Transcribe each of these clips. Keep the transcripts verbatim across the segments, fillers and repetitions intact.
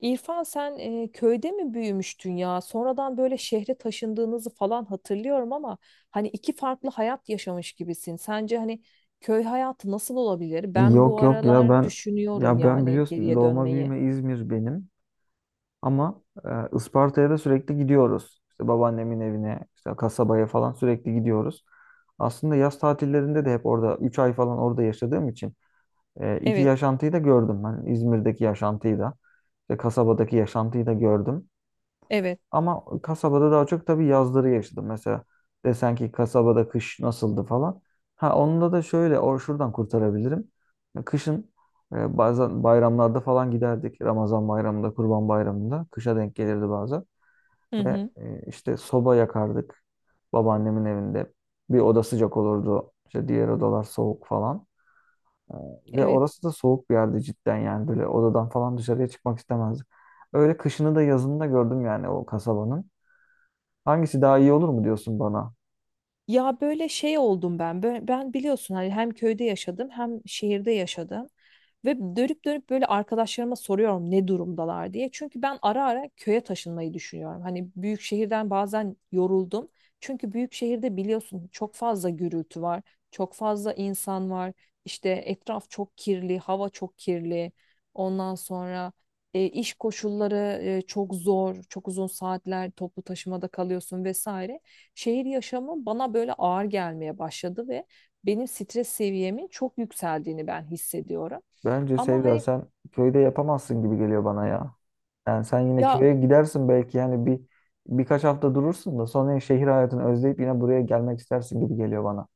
İrfan sen e, köyde mi büyümüştün ya? Sonradan böyle şehre taşındığınızı falan hatırlıyorum ama hani iki farklı hayat yaşamış gibisin. Sence hani köy hayatı nasıl olabilir? Ben bu Yok yok ya aralar ben düşünüyorum ya ben yani biliyorsun geriye doğma dönmeyi. büyüme İzmir benim ama e, Isparta'ya da sürekli gidiyoruz. İşte babaannemin evine, işte kasabaya falan sürekli gidiyoruz. Aslında yaz tatillerinde de hep orada üç ay falan orada yaşadığım için e, iki Evet, yaşantıyı da gördüm. Hani İzmir'deki yaşantıyı da, işte kasabadaki yaşantıyı da gördüm. evet. Ama kasabada daha çok tabii yazları yaşadım. Mesela desen ki kasabada kış nasıldı falan. Ha onunla da şöyle or şuradan kurtarabilirim. Kışın e, bazen bayramlarda falan giderdik. Ramazan bayramında, Kurban bayramında kışa denk gelirdi bazen. Hı Ve hı, e, işte soba yakardık babaannemin evinde. Bir oda sıcak olurdu. İşte diğer odalar soğuk falan. E, Ve evet. orası da soğuk bir yerdi cidden yani böyle odadan falan dışarıya çıkmak istemezdik. Öyle kışını da yazını da gördüm yani o kasabanın. Hangisi daha iyi olur mu diyorsun bana? Ya böyle şey oldum ben. Bö- Ben biliyorsun hani hem köyde yaşadım hem şehirde yaşadım. Ve dönüp dönüp böyle arkadaşlarıma soruyorum ne durumdalar diye. Çünkü ben ara ara köye taşınmayı düşünüyorum. Hani büyük şehirden bazen yoruldum. Çünkü büyük şehirde biliyorsun çok fazla gürültü var, çok fazla insan var. İşte etraf çok kirli, hava çok kirli. Ondan sonra e, iş koşulları e, çok zor, çok uzun saatler toplu taşımada kalıyorsun vesaire. Şehir yaşamı bana böyle ağır gelmeye başladı ve benim stres seviyemin çok yükseldiğini ben hissediyorum. Bence Ama Sevda hani sen köyde yapamazsın gibi geliyor bana ya. Yani sen yine ya köye gidersin belki yani bir birkaç hafta durursun da sonra şehir hayatını özleyip yine buraya gelmek istersin gibi geliyor bana.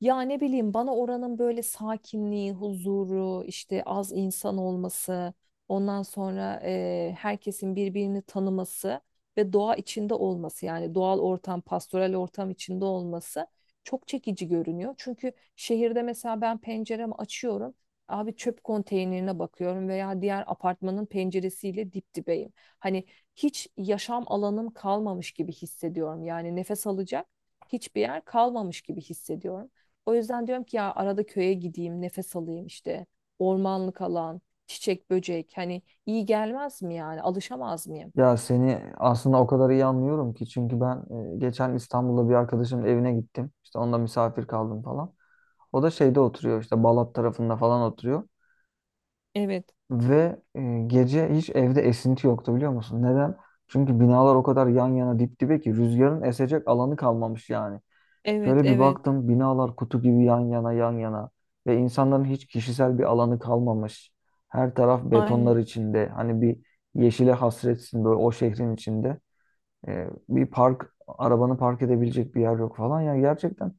Ya ne bileyim bana oranın böyle sakinliği, huzuru, işte az insan olması, ondan sonra eee, herkesin birbirini tanıması ve doğa içinde olması yani doğal ortam, pastoral ortam içinde olması çok çekici görünüyor. Çünkü şehirde mesela ben penceremi açıyorum, abi çöp konteynerine bakıyorum veya diğer apartmanın penceresiyle dip dibeyim. Hani hiç yaşam alanım kalmamış gibi hissediyorum. Yani nefes alacak hiçbir yer kalmamış gibi hissediyorum. O yüzden diyorum ki ya arada köye gideyim, nefes alayım işte. Ormanlık alan, çiçek, böcek hani iyi gelmez mi yani? Alışamaz mıyım? Ya seni aslında o kadar iyi anlıyorum ki çünkü ben e, geçen İstanbul'da bir arkadaşımın evine gittim. İşte onda misafir kaldım falan. O da şeyde oturuyor işte Balat tarafında falan oturuyor. Evet, Ve e, gece hiç evde esinti yoktu biliyor musun? Neden? Çünkü binalar o kadar yan yana dip dibe ki rüzgarın esecek alanı kalmamış yani. evet, Şöyle bir evet. baktım binalar kutu gibi yan yana yan yana ve insanların hiç kişisel bir alanı kalmamış. Her taraf betonlar Aynen. içinde hani bir yeşile hasretsin böyle o şehrin içinde. E, bir park arabanı park edebilecek bir yer yok falan ya gerçekten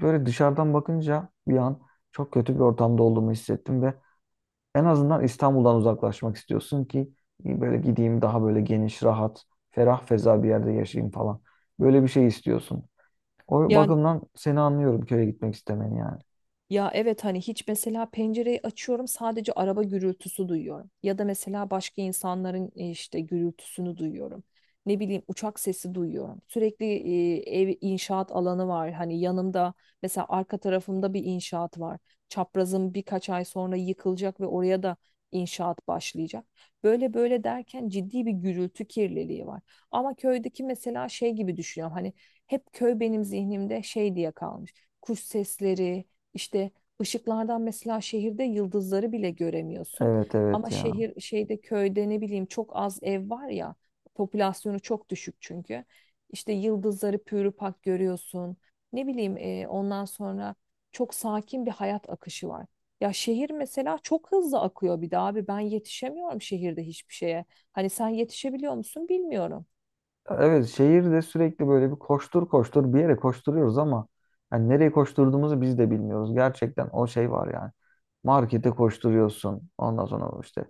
böyle dışarıdan bakınca bir an çok kötü bir ortamda olduğumu hissettim ve en azından İstanbul'dan uzaklaşmak istiyorsun ki böyle gideyim daha böyle geniş, rahat, ferah feza bir yerde yaşayayım falan. Böyle bir şey istiyorsun. O Ya bakımdan seni anlıyorum köye gitmek istemeni yani. Ya evet hani hiç mesela pencereyi açıyorum sadece araba gürültüsü duyuyorum. Ya da mesela başka insanların e, işte gürültüsünü duyuyorum. Ne bileyim uçak sesi duyuyorum. Sürekli e, ev inşaat alanı var. Hani yanımda mesela arka tarafımda bir inşaat var. Çaprazım birkaç ay sonra yıkılacak ve oraya da inşaat başlayacak. Böyle böyle derken ciddi bir gürültü kirliliği var. Ama köydeki mesela şey gibi düşünüyorum. Hani hep köy benim zihnimde şey diye kalmış. Kuş sesleri işte, ışıklardan mesela şehirde yıldızları bile göremiyorsun. Evet evet Ama ya. şehir şeyde köyde ne bileyim çok az ev var ya, popülasyonu çok düşük çünkü. İşte yıldızları pürüpak görüyorsun. Ne bileyim e, ondan sonra çok sakin bir hayat akışı var. Ya şehir mesela çok hızlı akıyor bir de abi ben yetişemiyorum şehirde hiçbir şeye. Hani sen yetişebiliyor musun bilmiyorum. Evet, şehirde sürekli böyle bir koştur koştur bir yere koşturuyoruz ama yani nereye koşturduğumuzu biz de bilmiyoruz. Gerçekten o şey var yani. Markete koşturuyorsun. Ondan sonra işte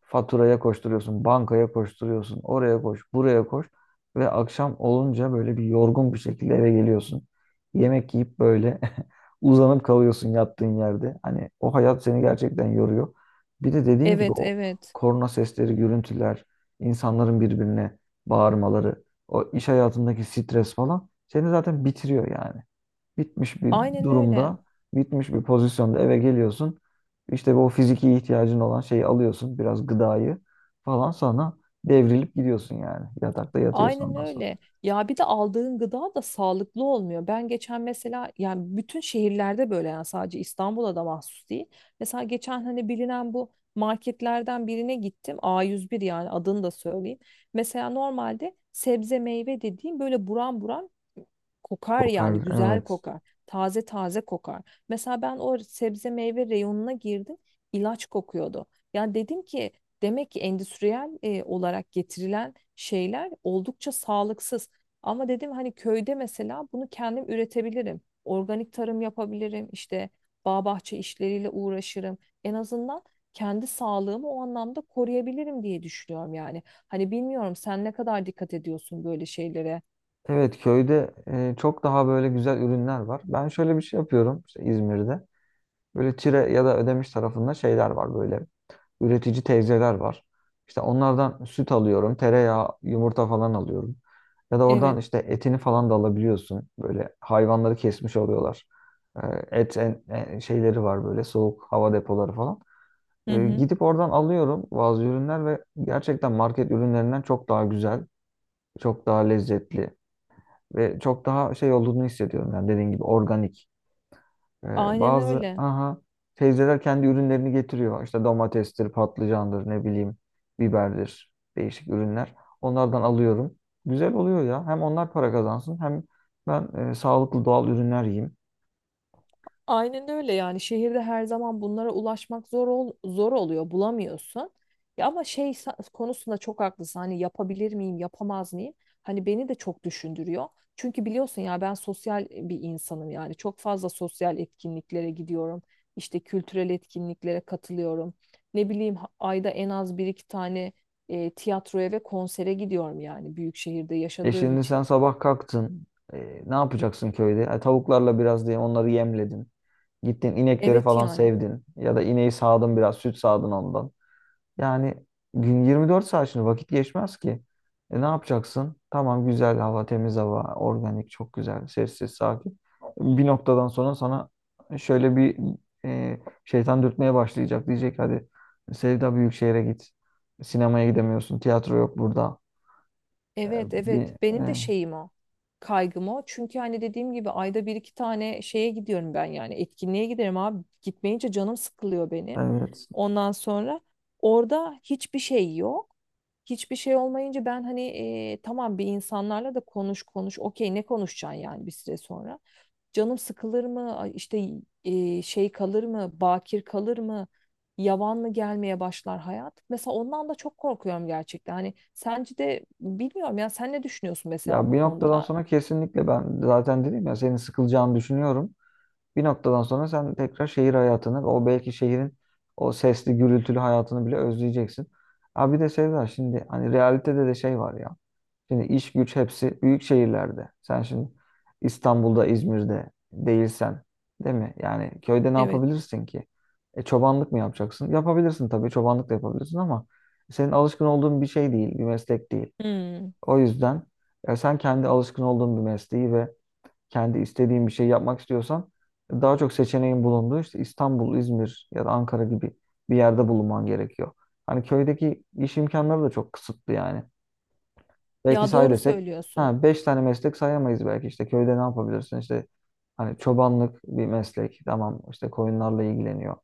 faturaya koşturuyorsun, bankaya koşturuyorsun, oraya koş, buraya koş ve akşam olunca böyle bir yorgun bir şekilde eve geliyorsun. Yemek yiyip böyle uzanıp kalıyorsun yattığın yerde. Hani o hayat seni gerçekten yoruyor. Bir de dediğin gibi Evet, o evet, korna sesleri, gürültüler, insanların birbirine bağırmaları, o iş hayatındaki stres falan seni zaten bitiriyor yani bitmiş bir aynen öyle. durumda, bitmiş bir pozisyonda eve geliyorsun. İşte bu fiziki ihtiyacın olan şeyi alıyorsun, biraz gıdayı falan sonra devrilip gidiyorsun yani. Yatakta yatıyorsun Aynen ondan sonra. öyle. Ya bir de aldığın gıda da sağlıklı olmuyor. Ben geçen mesela yani bütün şehirlerde böyle yani sadece İstanbul'a da mahsus değil. Mesela geçen hani bilinen bu marketlerden birine gittim. a yüz bir yani adını da söyleyeyim. Mesela normalde sebze meyve dediğim böyle buram buram kokar yani Kokar, güzel evet. kokar. Taze taze kokar. Mesela ben o sebze meyve reyonuna girdim. İlaç kokuyordu. Yani dedim ki, demek ki endüstriyel e, olarak getirilen şeyler oldukça sağlıksız. Ama dedim hani köyde mesela bunu kendim üretebilirim. Organik tarım yapabilirim. İşte bağ bahçe işleriyle uğraşırım. En azından kendi sağlığımı o anlamda koruyabilirim diye düşünüyorum yani. Hani bilmiyorum sen ne kadar dikkat ediyorsun böyle şeylere. Evet, köyde e, çok daha böyle güzel ürünler var. Ben şöyle bir şey yapıyorum işte İzmir'de. Böyle Çire ya da Ödemiş tarafında şeyler var böyle. Üretici teyzeler var. İşte onlardan süt alıyorum, tereyağı, yumurta falan alıyorum. Ya da oradan Evet. işte etini falan da alabiliyorsun. Böyle hayvanları kesmiş oluyorlar. Ee, Et en, en- şeyleri var böyle soğuk hava depoları falan. Hı Ee, hı. Gidip oradan alıyorum bazı ürünler ve gerçekten market ürünlerinden çok daha güzel, çok daha lezzetli ve çok daha şey olduğunu hissediyorum. Yani dediğin gibi organik. Ee, Aynen Bazı öyle. aha teyzeler kendi ürünlerini getiriyor. İşte domatestir, patlıcandır, ne bileyim, biberdir, değişik ürünler. Onlardan alıyorum. Güzel oluyor ya. Hem onlar para kazansın hem ben e, sağlıklı doğal ürünler yiyeyim. Aynen öyle yani şehirde her zaman bunlara ulaşmak zor ol- zor oluyor, bulamıyorsun. Ya ama şey sa- konusunda çok haklısın hani yapabilir miyim yapamaz mıyım? Hani beni de çok düşündürüyor. Çünkü biliyorsun ya ben sosyal e, bir insanım yani çok fazla sosyal etkinliklere gidiyorum. İşte kültürel etkinliklere katılıyorum. Ne bileyim ha- ayda en az bir iki tane e, tiyatroya ve konsere gidiyorum yani büyük şehirde E, yaşadığım şimdi için. sen sabah kalktın. E, ne yapacaksın köyde? E, tavuklarla biraz diye onları yemledin. Gittin inekleri Evet falan yani. sevdin. Ya da ineği sağdın biraz, süt sağdın ondan. Yani gün 24 saat şimdi vakit geçmez ki. E, ne yapacaksın? Tamam, güzel hava, temiz hava, organik çok güzel, sessiz, sakin. Bir noktadan sonra sana şöyle bir e, şeytan dürtmeye başlayacak. Diyecek hadi Sevda büyük şehre git. Sinemaya gidemiyorsun, tiyatro yok burada. Evet, evet, Bir, benim de e, şeyim o, kaygım o çünkü hani dediğim gibi ayda bir iki tane şeye gidiyorum ben, yani etkinliğe giderim abi, gitmeyince canım sıkılıyor benim. evet. Ondan sonra orada hiçbir şey yok, hiçbir şey olmayınca ben hani e, tamam, bir insanlarla da konuş konuş, okey ne konuşacaksın yani bir süre sonra canım sıkılır mı? Ay İşte e, şey kalır mı? Bakir kalır mı? Yavan mı gelmeye başlar hayat? Mesela ondan da çok korkuyorum gerçekten. Hani sence de bilmiyorum ya sen ne düşünüyorsun mesela Ya bu bir noktadan konuda? sonra kesinlikle ben zaten dedim ya senin sıkılacağını düşünüyorum. Bir noktadan sonra sen tekrar şehir hayatını, o belki şehrin o sesli, gürültülü hayatını bile özleyeceksin. Abi bir de Sevda şimdi hani realitede de şey var ya. Şimdi iş güç hepsi büyük şehirlerde. Sen şimdi İstanbul'da, İzmir'de değilsen, değil mi? Yani köyde ne Evet. yapabilirsin ki? E, çobanlık mı yapacaksın? Yapabilirsin tabii, çobanlık da yapabilirsin ama senin alışkın olduğun bir şey değil, bir meslek değil. Hmm. O yüzden e, sen kendi alışkın olduğun bir mesleği ve kendi istediğin bir şey yapmak istiyorsan daha çok seçeneğin bulunduğu işte İstanbul, İzmir ya da Ankara gibi bir yerde bulunman gerekiyor. Hani köydeki iş imkanları da çok kısıtlı yani. Belki Ya say doğru desek söylüyorsun. ha 5 tane meslek sayamayız belki, işte köyde ne yapabilirsin işte hani çobanlık bir meslek tamam işte koyunlarla ilgileniyor.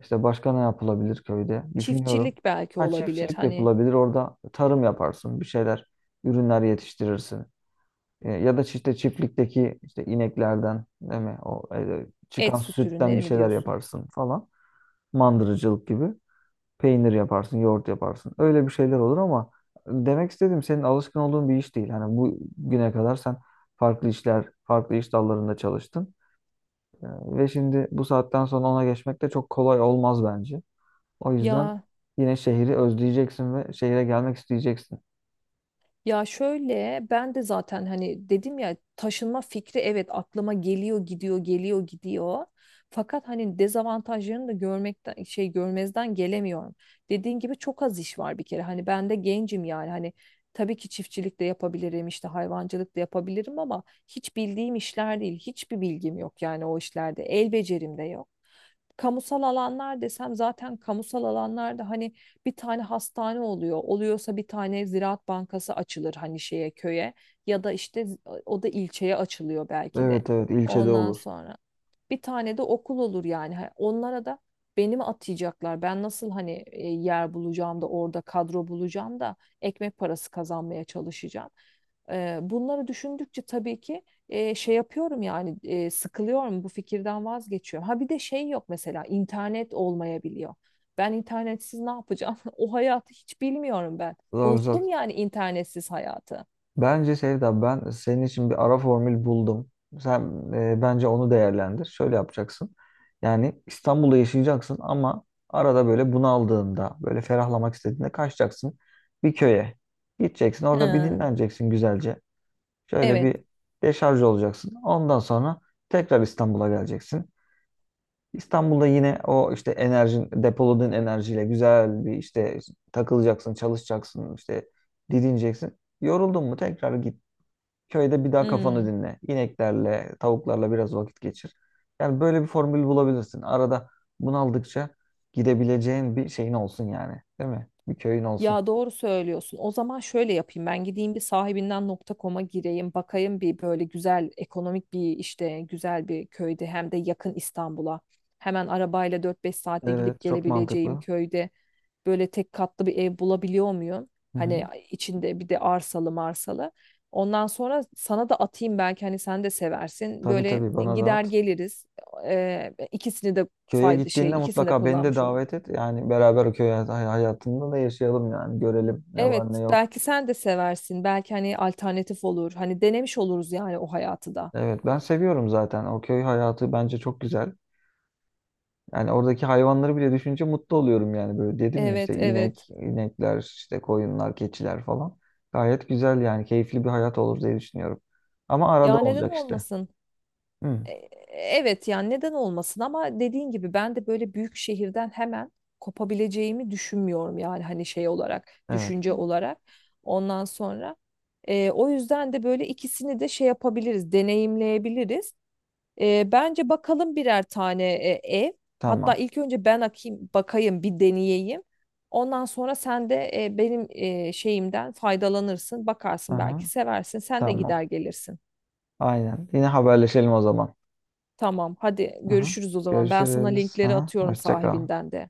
İşte başka ne yapılabilir köyde düşünüyorum. Çiftçilik belki Ha olabilir. çiftçilik Hani yapılabilir orada tarım yaparsın bir şeyler ürünler yetiştirirsin. E, Ya da işte çiftlikteki işte ineklerden değil mi? O e, et çıkan süt sütten ürünleri bir mi şeyler diyorsun? yaparsın falan. Mandırıcılık gibi. Peynir yaparsın, yoğurt yaparsın. Öyle bir şeyler olur ama demek istediğim senin alışkın olduğun bir iş değil. Hani bu güne kadar sen farklı işler, farklı iş dallarında çalıştın. E, Ve şimdi bu saatten sonra ona geçmek de çok kolay olmaz bence. O yüzden Ya yine şehri özleyeceksin ve şehire gelmek isteyeceksin. Ya şöyle ben de zaten hani dedim ya, taşınma fikri evet aklıma geliyor gidiyor, geliyor gidiyor. Fakat hani dezavantajlarını da görmekten, şey, görmezden gelemiyorum. Dediğin gibi çok az iş var bir kere. Hani ben de gencim yani, hani tabii ki çiftçilik de yapabilirim işte, hayvancılık da yapabilirim ama hiç bildiğim işler değil. Hiçbir bilgim yok yani o işlerde. El becerim de yok. Kamusal alanlar desem, zaten kamusal alanlarda hani bir tane hastane oluyor. Oluyorsa bir tane Ziraat Bankası açılır hani şeye, köye, ya da işte o da ilçeye açılıyor belki de. Evet evet, ilçede Ondan olur. sonra bir tane de okul olur yani. Ha, onlara da beni mi atayacaklar? Ben nasıl hani e, yer bulacağım da orada, kadro bulacağım da ekmek parası kazanmaya çalışacağım. Ee, bunları düşündükçe tabii ki e, şey yapıyorum yani, e, sıkılıyorum, bu fikirden vazgeçiyorum. Ha bir de şey yok, mesela internet olmayabiliyor. Ben internetsiz ne yapacağım? O hayatı hiç bilmiyorum ben. Zor Unuttum zor. yani internetsiz hayatı. Bence Sevda ben senin için bir ara formül buldum. Sen e, bence onu değerlendir. Şöyle yapacaksın. Yani İstanbul'da yaşayacaksın ama arada böyle bunaldığında, böyle ferahlamak istediğinde kaçacaksın bir köye. Gideceksin orada bir Ha, dinleneceksin güzelce. Şöyle evet. bir deşarj olacaksın. Ondan sonra tekrar İstanbul'a geleceksin. İstanbul'da yine o işte enerjin, depoladığın enerjiyle güzel bir işte takılacaksın, çalışacaksın, işte didineceksin. Yoruldun mu tekrar git. Köyde bir daha kafanı Hmm. dinle. İneklerle, tavuklarla biraz vakit geçir. Yani böyle bir formül bulabilirsin. Arada bunaldıkça gidebileceğin bir şeyin olsun yani. Değil mi? Bir köyün olsun. Ya doğru söylüyorsun. O zaman şöyle yapayım. Ben gideyim bir sahibinden nokta nokta nokta com'a gireyim. Bakayım bir böyle güzel ekonomik bir, işte, güzel bir köyde hem de yakın İstanbul'a. Hemen arabayla dört beş saatte Evet, gidip çok gelebileceğim mantıklı. köyde böyle tek katlı bir ev bulabiliyor muyum? Hı Hani hı. içinde bir de arsalı marsalı. Ondan sonra sana da atayım belki, hani sen de seversin. Tabii Böyle tabii, e, bana gider dağıt. geliriz. Ee, ikisini de Köye fayda, gittiğinde şey, ikisini de mutlaka beni de kullanmış olur. davet et. Yani beraber o köy hay- hayatında da yaşayalım yani. Görelim ne var ne Evet, yok. belki sen de seversin. Belki hani alternatif olur. Hani denemiş oluruz yani o hayatı da. Evet, ben seviyorum zaten. O köy hayatı bence çok güzel. Yani oradaki hayvanları bile düşünce mutlu oluyorum yani böyle dedim ya işte Evet, inek, evet. inekler, işte koyunlar, keçiler falan. Gayet güzel yani keyifli bir hayat olur diye düşünüyorum. Ama arada Ya neden olacak işte. olmasın? Hı, E- Evet yani neden olmasın, ama dediğin gibi ben de böyle büyük şehirden hemen kopabileceğimi düşünmüyorum yani, hani şey olarak, evet, düşünce olarak. Ondan sonra e, o yüzden de böyle ikisini de şey yapabiliriz, deneyimleyebiliriz. E, bence bakalım birer tane e, ev. Hatta tamam. ilk önce ben akayım, bakayım, bir deneyeyim. Ondan sonra sen de e, benim e, şeyimden faydalanırsın. Bakarsın belki Aha, seversin. Sen de tamam. gider gelirsin. Aynen. Yine haberleşelim o zaman. Tamam, hadi Aha, görüşürüz o zaman. Ben sana görüşürüz. linkleri Aha, atıyorum hoşça kal. sahibinden de.